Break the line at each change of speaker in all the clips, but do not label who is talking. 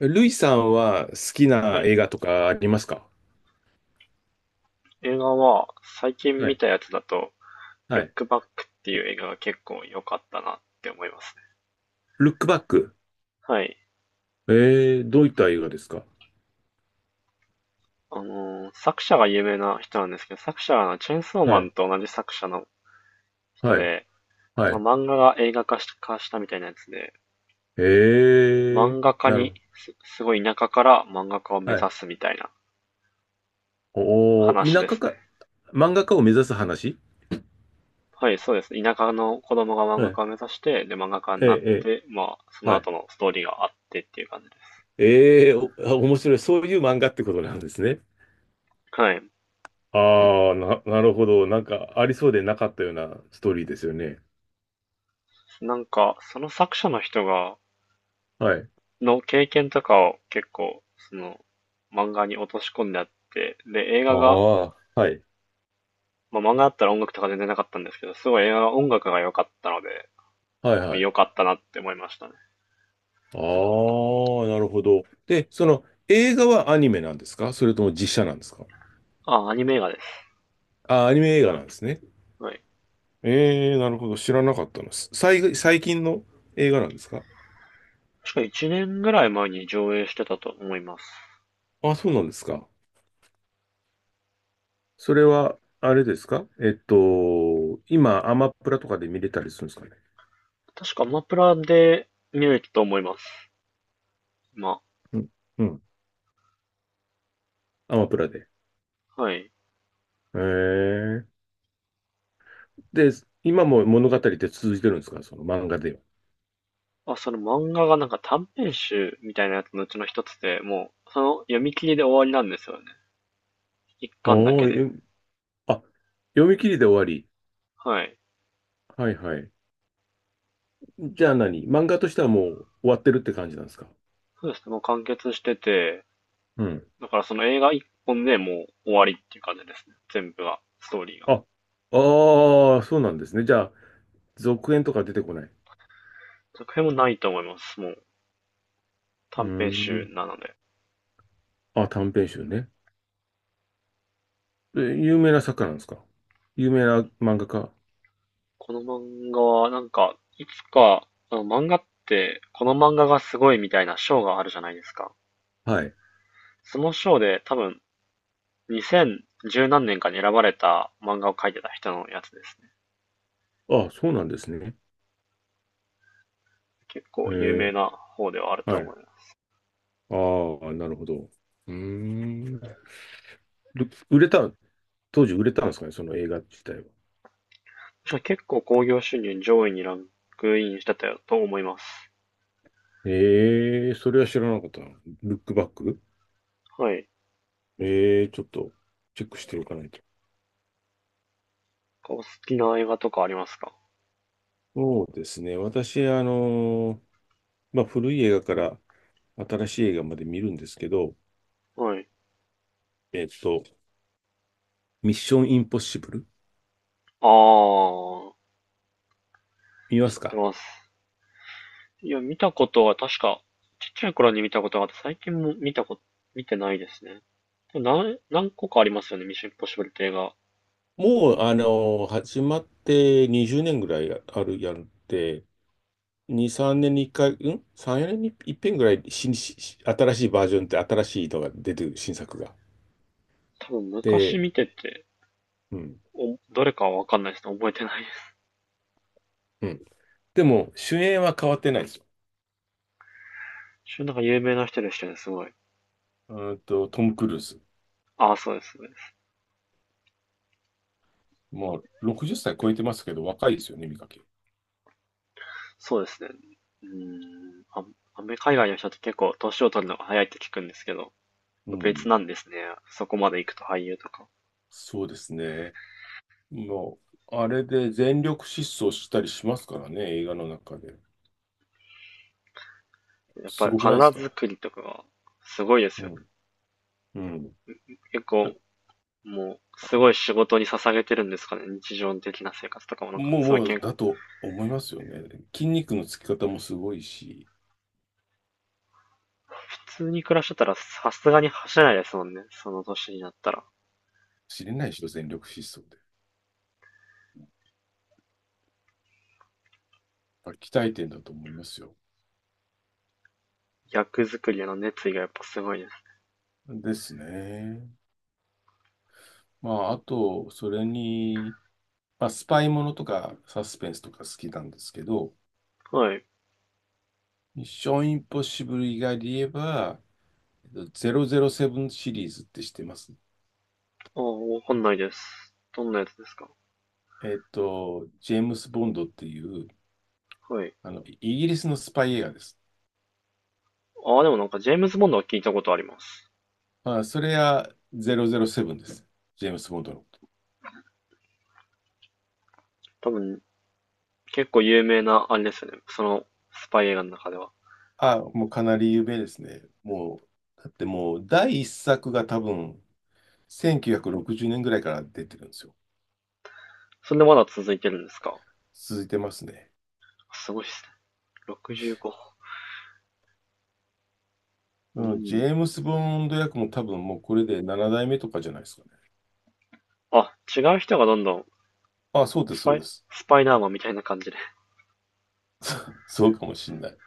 ルイさんは好き
は
な
い。
映画とかありますか？
映画は、最近
は
見
い。
たやつだと、
は
ルッ
い。
クバックっていう映画が結構良かったなって思いますね。
ルックバック。
はい。
どういった映画ですか？
作者が有名な人なんですけど、作者がチェーンソー
は
マン
い。
と同じ作者の人
はい。
で、そ
は
の
い。
漫画が映画化したみたいなやつで、
えー、
漫画家
なる
に
ほ
す、すごい田舎から漫画家を
ど。
目
はい。
指すみたいな
おー、
話
田
で
舎
す
か、
ね。
漫画家を目指す話。
はい、そうですね。田舎の子供が漫
は
画
い。
家を目指して、で、漫画家
え
に
ー、
なっ
え
て、まあ、その
はい。
後のストーリーがあってっていう感じです。
えー、お、あ、面白い。そういう漫画ってことなんですね。
はい。
ああ、なるほど。なんか、ありそうでなかったようなストーリーですよね。
なんか、その作者の人が、
はい。
の経験とかを結構、その、漫画に落とし込んであって、で、映
あ
画が、
あ、はい。
まあ、漫画だったら音楽とか全然なかったんですけど、すごい映画が音楽が良かったので、
はい、
まあ
はい。
良かったなって思いましたね。
ああ、なるほど。で、その映画はアニメなんですか、それとも実写なんですか？
あ、アニメ映画です。
あ、アニメ映画なんですね。
はい。
ええ、なるほど。知らなかったの。最近の映画なんですか？
確か1年ぐらい前に上映してたと思います。
あ、そうなんですか。それは、あれですか、えっと、今、アマプラとかで見れたりするんですかね。
確かアマプラで見れたと思います。ま
うん。うん。アマプラで。
あ、はい。
ええ。で、今も物語って続いてるんですか、その漫画では。
まあ、その漫画がなんか短編集みたいなやつのうちの一つで、もう、その読み切りで終わりなんですよね。一巻だ
お
けで。
ー、え、あ、読み切りで終わり。
はい。
はいはい。じゃあ、何、漫画としてはもう終わってるって感じなんですか？
そうですね。もう完結してて、
うん。
だからその映画一本でもう終わりっていう感じですね。全部が、ストーリーが。
あ、ああ、そうなんですね。じゃあ、続編とか出てこない。
続編もないと思います。もう
うー
短編集
ん。
なので。
あ、短編集ね。え、有名な作家なんですか、有名な漫画家。
この漫画はなんか、いつか、あの漫画って、この漫画がすごいみたいな賞があるじゃないですか。
はい。
その賞で多分2010何年かに選ばれた漫画を描いてた人のやつですね。
あ、そうなんですね。
結
へ
構有
え、
名な方ではあると
はい。
思い
あ
ます。
あ、なるほど。うーん。る売れた、当時売れたんですかね、その映画自体は。
確か結構興行収入上位にランクインしてたと思います。
ええ、それは知らなかったな。ルックバック。
はい。
ええ、ちょっとチェックしておかないと。
お好きな映画とかありますか？
そうですね。私、まあ、古い映画から新しい映画まで見るんですけど、
はい。
えっと、ミッションインポッシブル
ああ、
見ま
知
す
って
か？
ます。いや、見たことは確か、ちっちゃい頃に見たことがあって、最近も見たこと、見てないですね。でも何個かありますよね、ミッションインポッシブルって映画。
もう、始まって20年ぐらいあるやんって、2、3年に1回、うん？ 3、4年に1遍ぐらい新しいバージョンって新しいのが出てる、新作が。
多分昔
で、
見てて、
うん、
どれかはわかんないですね。覚えてないです。
うん。でも、主演は変わってないですよ。
一応なんか有名な人でしたね、すごい。
うーんと、トム・クルーズ。
ああ、そうですね。
もう60歳超えてますけど、若いですよね、見かけ。
そうですね。あ、海外の人って結構年を取るのが早いって聞くんですけど、
う
別
ん。
なんですね。そこまで行くと俳優とか。
そうですね。もう、あれで全力疾走したりしますからね、映画の中で。
やっ
す
ぱり
ごくないです
体
か？
作りとかがすごいです
う
よ。
ん。うん。
結構、
え、
もう、すごい仕事に捧げてるんですかね。日常的な生活とかもなんか、
もう、
すごい
も
けん、
う、
普
だと思いますよね。筋肉のつき方もすごいし、
通に暮らしてたらさすがに走れないですもんね。その年になったら。
知れないでしょ、全力疾走で。やっぱ鍛えてんだと思いますよ。
役作りへの熱意がやっぱすごいです。
ですね。まあ、あと、それに、まあ、スパイものとかサスペンスとか好きなんですけど、
はい。
ミッションインポッシブル以外で言えば、007シリーズって知ってます
ああ、わかんないです。どんなやつですか？
ジェームス・ボンドっていう、
はい。
あの、イギリスのスパイ映画です。
ああ、でもなんかジェームズ・ボンドは聞いたことあります。
まあ、それは007です。ジェームス・ボンドのこと。
多分、結構有名な、あれですよね。スパイ映画の中では。
あ、もうかなり有名ですね。もう、だってもう、第一作が多分、1960年ぐらいから出てるんですよ。
それでまだ続いてるんですか？
続いてますね。
すごいですね。65。う
うん、ジ
ん。
ェームス・ボンド役も多分もうこれで7代目とかじゃないですかね。
あ、違う人がどんどん
あ、そうで
ス
す、そう
パ
で
イ、
す。
スパイダーマンみたいな感じで。
そうかもしんない。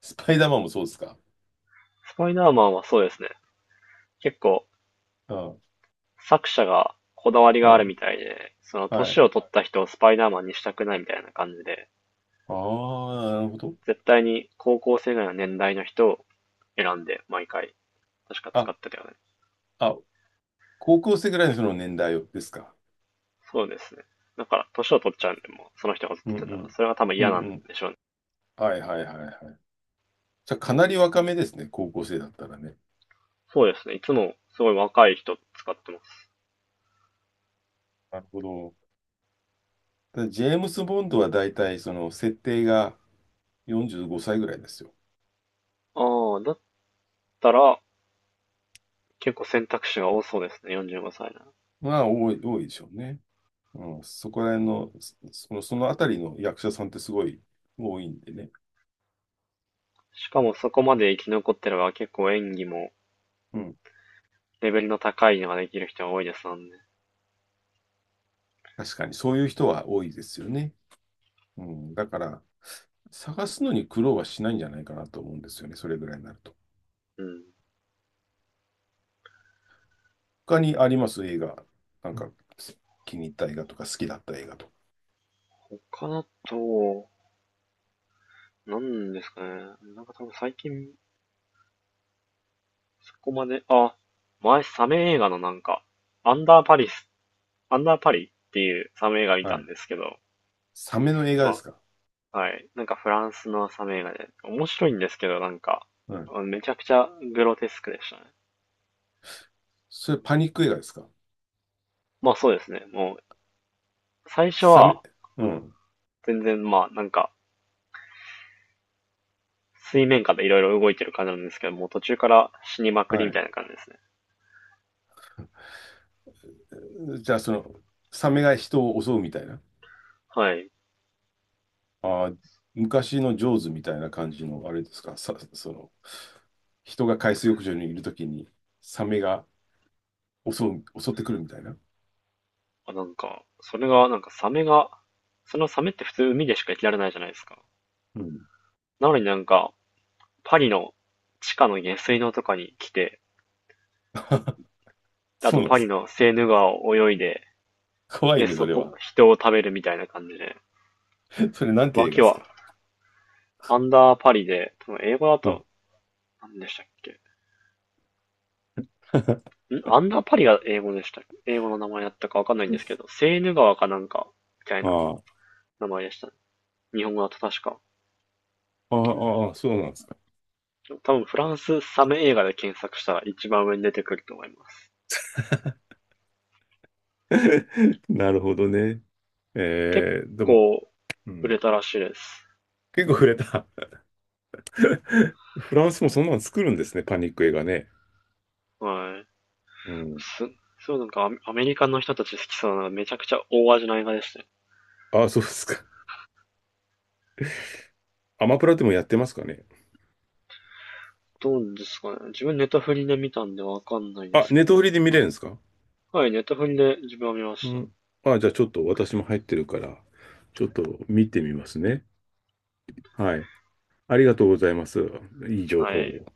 スパイダーマンもそうですか。
スパイダーマンはそうですね。結構
あ、
作者がこだわりがある
はい、
みたいで、その
は
年
い。
を取った人をスパイダーマンにしたくないみたいな感じで、
ああ、なるほど。
絶対に高校生ぐらいの年代の人を選んで毎回確か使
あ、
ってたよね。
あ、高校生ぐらいのその年代ですか。
そうですね。だから年を取っちゃうんで、もうその人がずっ
うん
と
う
出ってたら、
ん。
それが多分
う
嫌なん
んうん。
でしょうね。
はいはいはいはい。じゃあ、かなり若めですね、高校生だったらね。
そうですね。いつもすごい若い人使ってます。
なるほど。ただ、ジェームス・ボンドは大体その設定が45歳ぐらいですよ。
ああ、だったら結構選択肢が多そうですね。45歳なら。
多いでしょうね。うん、そこら辺の、その、そのあたりの役者さんってすごい多いんでね。
しかもそこまで生き残ってれば結構演技も
うん。
レベルの高いのができる人が多いですもんね。
確かにそういう人は多いですよね。うん。だから、探すのに苦労はしないんじゃないかなと思うんですよね。それぐらいになると。
うん。
他にあります、映画。なんか、気に入った映画とか、好きだった映画と
他だと、なんですかね。なんか多分最近そこまで、あ、前サメ映画のなんか、アンダーパリス、アンダーパリっていうサメ映画見
か。
た
はい。
んですけど、
サメの映画で
ま
すか？
あ、はい。なんかフランスのサメ映画で、面白いんですけど、なんか、
うん。
めちゃくちゃグロテスクでしたね。
それ、パニック映画ですか？
まあそうですね。もう、最初
サメ、
は、
うん。
全然まあなんか、水面下でいろいろ動いてる感じなんですけど、もう途中から死にまくり
は
みた
い。
いな感じですね。
じゃあ、その、サメが人を襲うみたいな。
はい。
ああ、昔のジョーズみたいな感じの、あれですか、さ、その、人が海水浴場にいるときに、サメが襲う、襲ってくるみたいな。
あなんか、それが、なんかサメが、そのサメって普通海でしか生きられないじゃないですか。
うん。
なのになんか、パリの地下の下水道とかに来て、あ
そ
と
うなんで
パリ
す。
のセーヌ川を泳いで、
怖い
で、
ね、そ
そ
れ
こ、
は。
人を食べるみたいな感じで。
それなんて
わ
映画
け
です
は、
か？
アンダーパリで、英語だ
うん。
と、何でしたっけ？アンダーパリが英語でした。英語の名前だったかわかんないんですけ ど、セーヌ川かなんか、みたいな
ああ、
名前でしたね。日本語だと確か。
ああ、そうなんですか。
多分フランスサメ映画で検索したら一番上に出てくると思います。
なるほどね。
結
えー、でも、
構
う
売
ん、
れたらしいです。
結構触れた。フランスもそんなの作るんですね、パニック映画ね。
はい。
うん。
す、そうなんかアメリカの人たち好きそうなめちゃくちゃ大味な映画でしたね。
あ、そうですか。アマプラでもやってますかね。
どうですかね。自分ネタフリで見たんでわかんないで
あ、
す
ネッ
け
トフ
ど。
リで見れるんですか？
はい、ネタフリで自分は見ま
う
した。
ん。あ、じゃあ、ちょっと私も入ってるから、ちょっと見てみますね。はい。ありがとうございます。いい情
は
報
い。
を。